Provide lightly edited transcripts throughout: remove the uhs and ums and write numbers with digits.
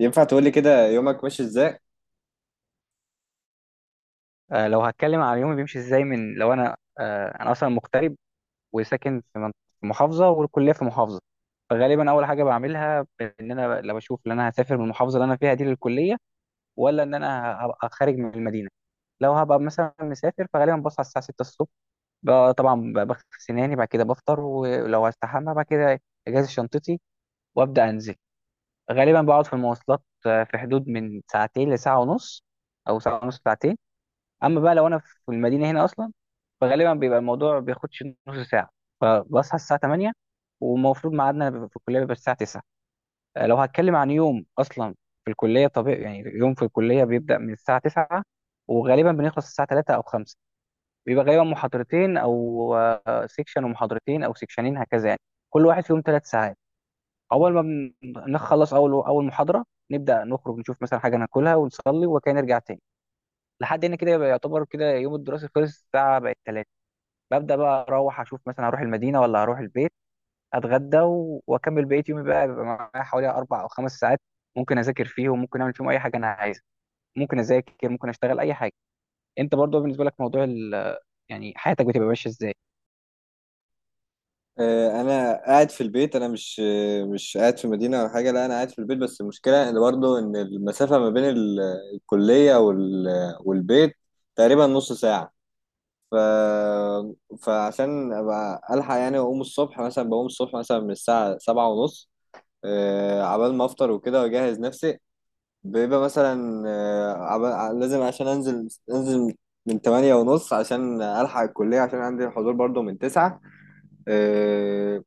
ينفع تقولي كده يومك ماشي ازاي؟ لو هتكلم على يومي بيمشي ازاي، لو انا اصلا مغترب وساكن في في محافظه، والكليه في محافظه. فغالبا اول حاجه بعملها ان انا لو اشوف ان انا هسافر من المحافظه اللي انا فيها دي للكليه، ولا ان انا هبقى خارج من المدينه. لو هبقى مثلا مسافر فغالبا بصحى الساعه 6 الصبح، طبعا بغسل سناني، بعد كده بفطر ولو هستحمى. بعد كده اجهز شنطتي وابدا انزل. غالبا بقعد في المواصلات في حدود من ساعتين لساعه ونص، او ساعه ونص ساعتين. اما بقى لو انا في المدينه هنا اصلا، فغالبا بيبقى الموضوع ما بياخدش نص ساعه، فبصحى الساعه 8. والمفروض ميعادنا بيبقى في الكليه بيبقى الساعه 9. لو هتكلم عن يوم اصلا في الكليه، طبيعي يعني يوم في الكليه بيبدا من الساعه 9 وغالبا بنخلص الساعه 3 او 5. بيبقى غالبا محاضرتين او سيكشن ومحاضرتين او سيكشنين، هكذا يعني. كل واحد فيهم ثلاث ساعات. اول ما بن- نخلص اول محاضره، نبدا نخرج نشوف مثلا حاجه ناكلها ونصلي وكان نرجع تاني. لحد هنا كده يبقى يعتبر كده يوم الدراسي خلص، الساعه بقت تلاتة. ببدأ بقى أروح أشوف مثلا هروح المدينة ولا هروح البيت. أتغدى وأكمل بقية يومي، بقى بيبقى معايا حوالي أربع أو خمس ساعات، ممكن أذاكر فيهم، ممكن أعمل فيهم أي حاجة أنا عايزها. ممكن أذاكر، ممكن أشتغل أي حاجة. أنت برضو بالنسبة لك موضوع يعني حياتك بتبقى ماشية إزاي؟ انا قاعد في البيت، انا مش قاعد في مدينة او حاجة. لا، انا قاعد في البيت، بس المشكلة ان برضه ان المسافة ما بين الكلية والبيت تقريبا نص ساعة. ف... فعشان ابقى الحق يعني اقوم الصبح مثلا بقوم الصبح مثلا من الساعة سبعة ونص، عبال ما افطر وكده واجهز نفسي. بيبقى مثلا، لازم عشان انزل من تمانية ونص عشان ألحق الكلية، عشان عندي الحضور برضو من تسعة. آه،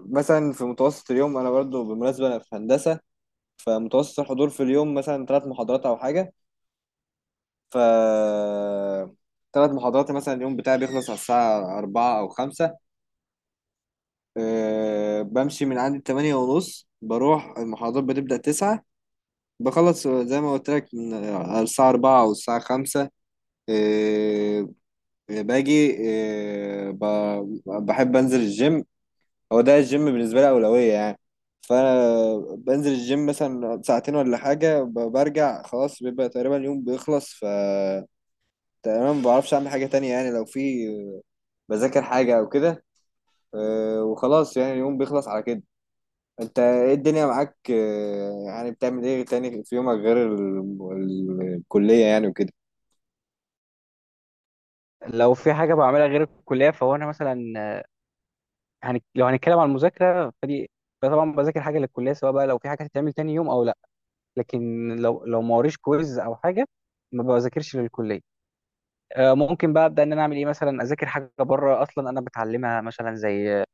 مثلا في متوسط اليوم، انا برضو بالمناسبه انا في هندسه، فمتوسط الحضور في اليوم مثلا ثلاث محاضرات او حاجه. ف ثلاث محاضرات، مثلا اليوم بتاعي بيخلص على الساعه 4 او 5. بمشي من عندي 8 ونص، بروح، المحاضرات بتبدا 9، بخلص زي ما قلت لك من على الساعه 4 او الساعه 5. أه باجي، بحب انزل الجيم. هو ده الجيم بالنسبة لي أولوية يعني، فأنا بنزل الجيم مثلا ساعتين ولا حاجة، برجع خلاص. بيبقى تقريبا اليوم بيخلص. تقريبا ما بعرفش أعمل حاجة تانية يعني، لو في بذاكر حاجة أو كده. وخلاص، يعني اليوم بيخلص على كده. أنت إيه الدنيا معاك، يعني بتعمل إيه تاني في يومك غير الكلية يعني وكده؟ لو في حاجة بعملها غير الكلية فهو، أنا مثلا لو هنتكلم عن المذاكرة فدي، فطبعا بذاكر حاجة للكلية، سواء بقى لو في حاجة هتتعمل تاني يوم أو لأ. لكن لو ما وريش كويز أو حاجة ما بذاكرش للكلية. ممكن بقى ابدا ان انا اعمل ايه، مثلا اذاكر حاجه بره اصلا انا بتعلمها، مثلا زي،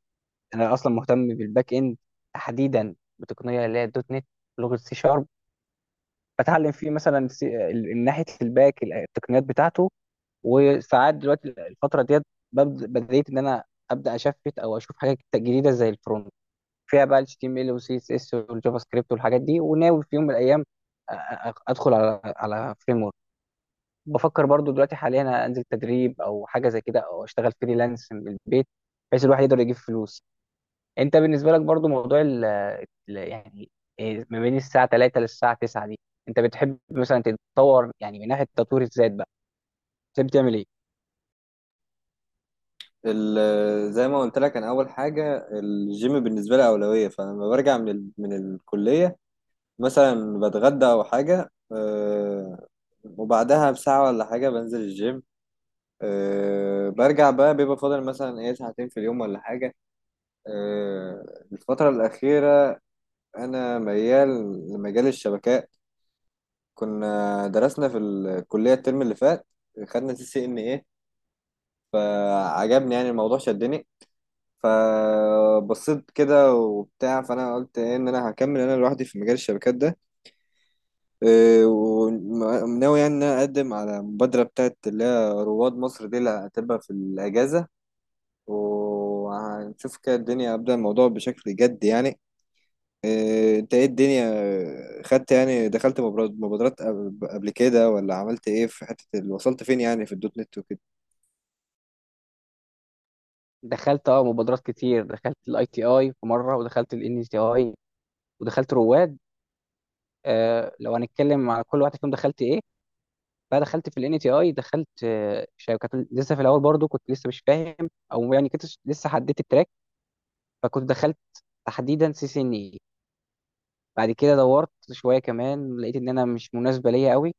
انا اصلا مهتم بالباك اند، تحديدا بتقنيه اللي هي الدوت نت، لغه سي شارب. بتعلم فيه مثلا ناحيه الباك، التقنيات بتاعته. وساعات دلوقتي الفتره ديت بديت ان انا ابدا اشفت او اشوف حاجات جديده زي الفرونت، فيها بقى ال HTML وال CSS والجافا سكريبت والحاجات دي. وناوي في يوم من الايام، ادخل على فريم. بفكر برضو دلوقتي حاليا أنا انزل تدريب او حاجه زي كده، او اشتغل فريلانس من البيت، بحيث الواحد يقدر يجيب فلوس. انت بالنسبه لك برضو موضوع يعني ما بين الساعه 3 للساعه 9 دي، انت بتحب مثلا تتطور يعني من ناحيه تطوير الذات بقى؟ بتحب تعمل ايه؟ زي ما قلت لك، أنا أول حاجة الجيم بالنسبة لي أولوية. فلما برجع من الكلية، مثلا بتغدى او حاجه، وبعدها بساعه ولا حاجه بنزل الجيم. برجع بقى، بيبقى فاضل مثلا ايه ساعتين في اليوم ولا حاجه. الفتره الاخيره انا ميال لمجال الشبكات. كنا درسنا في الكليه الترم اللي فات، خدنا CCNA، فعجبني يعني الموضوع، شدني. فبصيت كده وبتاع، فانا قلت إيه ان انا هكمل انا لوحدي في مجال الشبكات ده. إيه، وناوي يعني إن أنا أقدم على مبادرة بتاعت اللي هي رواد مصر دي، اللي هتبقى في الأجازة، وهنشوف كده الدنيا، أبدأ الموضوع بشكل جد يعني. إيه، أنت إيه الدنيا، إيه، خدت يعني، دخلت مبادرات قبل كده، ولا عملت إيه في حتة وصلت فين يعني في الدوت نت وكده؟ دخلت اه مبادرات كتير، دخلت الاي تي اي في مره، ودخلت الان تي اي، ودخلت رواد. آه لو هنتكلم على كل واحد فيهم دخلت ايه، فدخلت في الان تي اي، دخلت شركات. لسه في الاول برضو كنت لسه مش فاهم، او يعني كنت لسه حددت التراك، فكنت دخلت تحديدا سي سي ان اي. بعد كده دورت شويه كمان، لقيت ان انا مش مناسبه ليا قوي،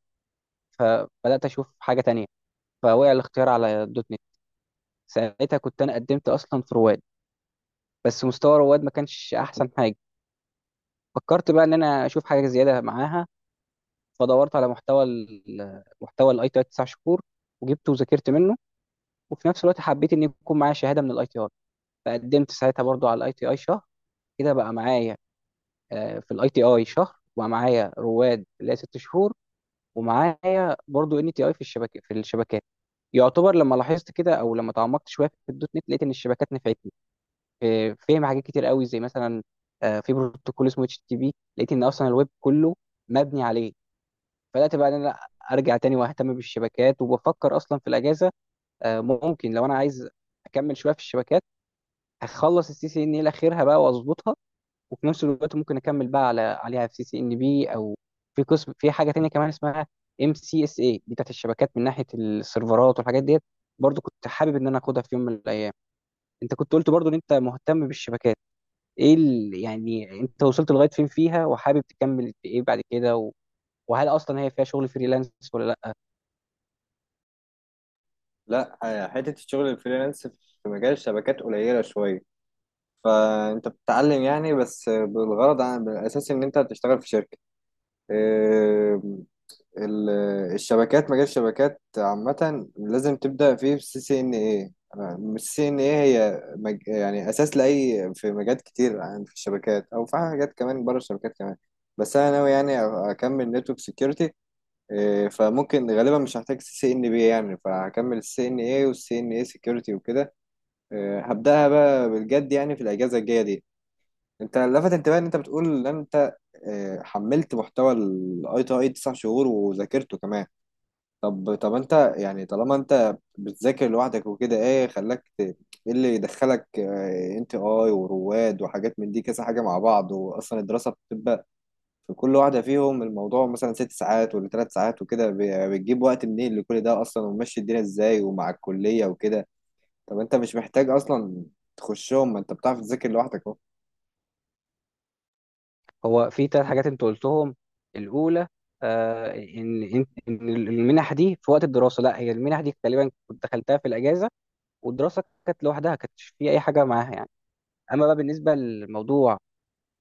فبدات اشوف حاجه تانية، فوقع الاختيار على دوت نت. ساعتها كنت انا قدمت اصلا في رواد، بس مستوى رواد ما كانش احسن حاجه. فكرت بقى ان انا اشوف حاجه زياده معاها، فدورت على محتوى الاي تي اي 9 شهور، وجبته وذاكرت منه. وفي نفس الوقت حبيت ان يكون معايا شهاده من الاي تي اي، فقدمت ساعتها برضو على الاي تي اي شهر. كده بقى معايا في الاي تي اي شهر، وبقى معايا رواد اللي هي ست شهور، ومعايا برضو ان تي اي في الشبكه في الشبكات. يعتبر لما لاحظت كده، او لما تعمقت شويه في الدوت نت، لقيت ان الشبكات نفعتني في فهم حاجات كتير قوي، زي مثلا، في بروتوكول اسمه اتش تي بي، لقيت ان اصلا الويب كله مبني عليه. بدات بقى ان انا ارجع تاني واهتم بالشبكات، وبفكر اصلا في الاجازه، ممكن لو انا عايز اكمل شويه في الشبكات، هخلص السي سي ان الى اخرها بقى واظبطها. وفي نفس الوقت ممكن اكمل بقى عليها في سي سي ان بي او، في قسم في حاجه تانية كمان اسمها ام سي اس اي دي، بتاعت الشبكات من ناحيه السيرفرات والحاجات ديت، برضو كنت حابب ان انا اخدها في يوم من الايام. انت كنت قلت برضو ان انت مهتم بالشبكات، ايه يعني انت وصلت لغايه فين فيها، وحابب تكمل في ايه بعد كده، وهل اصلا هي فيها شغل فريلانس ولا لا؟ لا، حتة الشغل الفريلانس في مجال الشبكات قليلة شوية. فأنت بتتعلم يعني بس بالغرض، عن بالأساس إن أنت هتشتغل في شركة. ال- الشبكات، مجال الشبكات عامة لازم تبدأ فيه بالسي سي ان ايه. السي سي ان ايه هي يعني أساس لأي، في مجالات كتير في الشبكات أو في حاجات كمان بره الشبكات كمان. بس أنا ناوي يعني أكمل نتورك سكيورتي، فممكن غالبا مش هحتاج CCNP يعني، فهكمل السي سي ان ايه والسي ان ايه سكيورتي وكده. إيه، هبدأها بقى بالجد يعني في الأجازة الجاية دي. انت لفت انتباهي ان انت بتقول ان انت، إيه، حملت محتوى ITI 9 شهور، وذاكرته كمان. طب انت يعني، طالما انت بتذاكر لوحدك وكده، ايه خلاك ايه اللي يدخلك NTI ورواد وحاجات من دي، كذا حاجه مع بعض؟ واصلا الدراسه بتبقى في كل واحده فيهم الموضوع مثلا ست ساعات ولا ثلاث ساعات وكده، بتجيب وقت منين لكل ده اصلا، وماشي الدنيا ازاي ومع الكليه وكده؟ طب انت مش محتاج اصلا تخشهم، ما انت بتعرف تذاكر لوحدك اهو. هو في ثلاث حاجات انت قلتهم. الاولى آه ان ان إن المنح دي في وقت الدراسه، لا هي المنح دي غالبا كنت دخلتها في الاجازه، والدراسه كانت لوحدها كانتش في اي حاجه معاها يعني. اما بقى بالنسبه للموضوع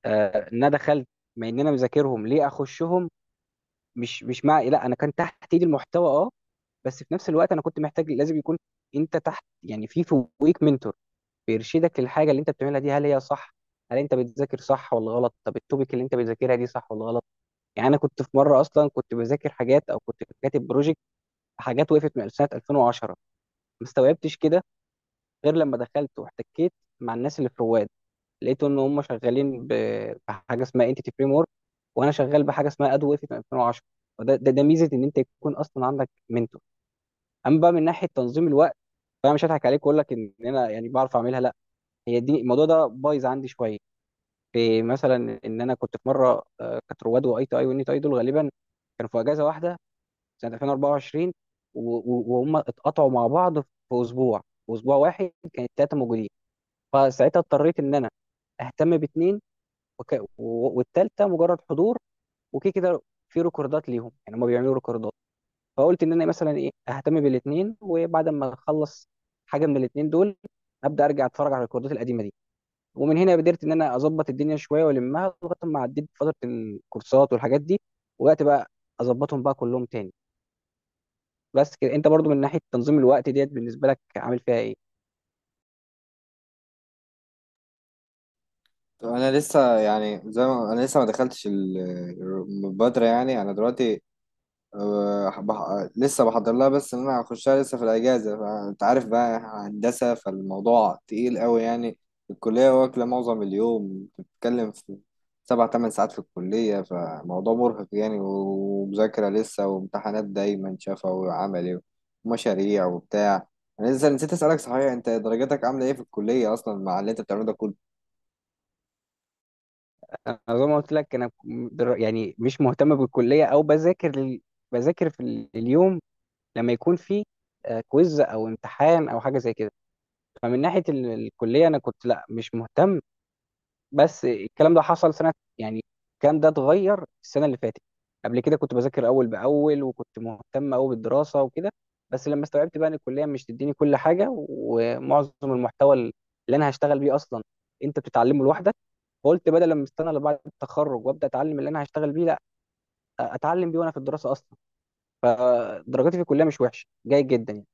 آه ان انا دخلت، ما ان انا مذاكرهم ليه اخشهم، مش مش مع لا انا كان تحت ايدي المحتوى اه، بس في نفس الوقت انا كنت محتاج لازم يكون انت تحت يعني، في فوقيك منتور بيرشدك للحاجه اللي انت بتعملها دي، هل هي صح، هل انت بتذاكر صح ولا غلط، طب التوبيك اللي انت بتذاكرها دي صح ولا غلط. يعني انا كنت في مره اصلا كنت بذاكر حاجات، او كنت كاتب بروجكت حاجات وقفت من سنه 2010، ما استوعبتش كده غير لما دخلت واحتكيت مع الناس اللي في رواد. لقيت ان هم شغالين بحاجه اسمها انتيتي فريم ورك، وانا شغال بحاجه اسمها ادو اف 2010. فده ده, ده ميزه ان انت يكون اصلا عندك منتور. اما بقى من ناحيه تنظيم الوقت، فانا مش هضحك عليك واقول لك ان انا يعني بعرف اعملها، لا، هي دي، الموضوع ده بايظ عندي شويه. في مثلا ان انا كنت في مره، كانت رواد واي تي اي والنيت اي دول غالبا كانوا في اجازه واحده سنه 2024، و- و- وهم اتقطعوا مع بعض في اسبوع، في اسبوع واحد كانت ثلاثه موجودين. فساعتها اضطريت ان انا اهتم باثنين، وك... و- والتالتة مجرد حضور وكده كده، في ريكوردات ليهم يعني هم بيعملوا ريكوردات. فقلت ان انا مثلا ايه اهتم بالاثنين، وبعد ما اخلص حاجة من الاثنين دول ابدا ارجع اتفرج على الريكوردات القديمة دي. ومن هنا قدرت ان انا اظبط الدنيا شوية والمها، لغاية ما عديت فترة الكورسات والحاجات دي، وبدات بقى اظبطهم بقى كلهم تاني. بس كده انت برضو من ناحية تنظيم الوقت ديت بالنسبة لك عامل فيها ايه؟ طب انا لسه يعني، زي ما انا لسه ما دخلتش المبادره، يعني انا دلوقتي لسه بحضر لها، بس إن انا هخشها لسه في الاجازه. فانت عارف بقى هندسه، فالموضوع تقيل قوي يعني، الكليه واكله معظم اليوم، بتتكلم في سبع تمن ساعات في الكليه، فموضوع مرهق يعني، ومذاكره لسه، وامتحانات دايما شفا وعملي ومشاريع وبتاع. انا لسه نسيت اسالك، صحيح، انت درجاتك عامله ايه في الكليه اصلا، مع اللي انت بتعمله ده كله؟ انا زي ما قلت لك انا يعني مش مهتم بالكلية، او بذاكر بذاكر في اليوم لما يكون في كويز او امتحان او حاجه زي كده. فمن ناحيه الكليه انا كنت، لا مش مهتم، بس الكلام ده حصل سنه يعني، الكلام ده اتغير السنه اللي فاتت. قبل كده كنت بذاكر اول باول، وكنت مهتم قوي بالدراسه وكده. بس لما استوعبت بقى ان الكليه مش تديني كل حاجه، ومعظم المحتوى اللي انا هشتغل بيه اصلا انت بتتعلمه لوحدك، فقلت بدل لما استنى لبعد التخرج وابدا اتعلم اللي انا هشتغل بيه، لا، اتعلم بيه وانا في الدراسه اصلا. فدرجاتي في الكليه مش وحشه، جيد جدا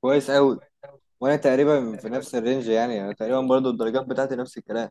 كويس قوي. يعني. وانا تقريبا في تقريبا نفس الرينج يعني، انا تقريبا برضو الدرجات بتاعتي نفس الكلام.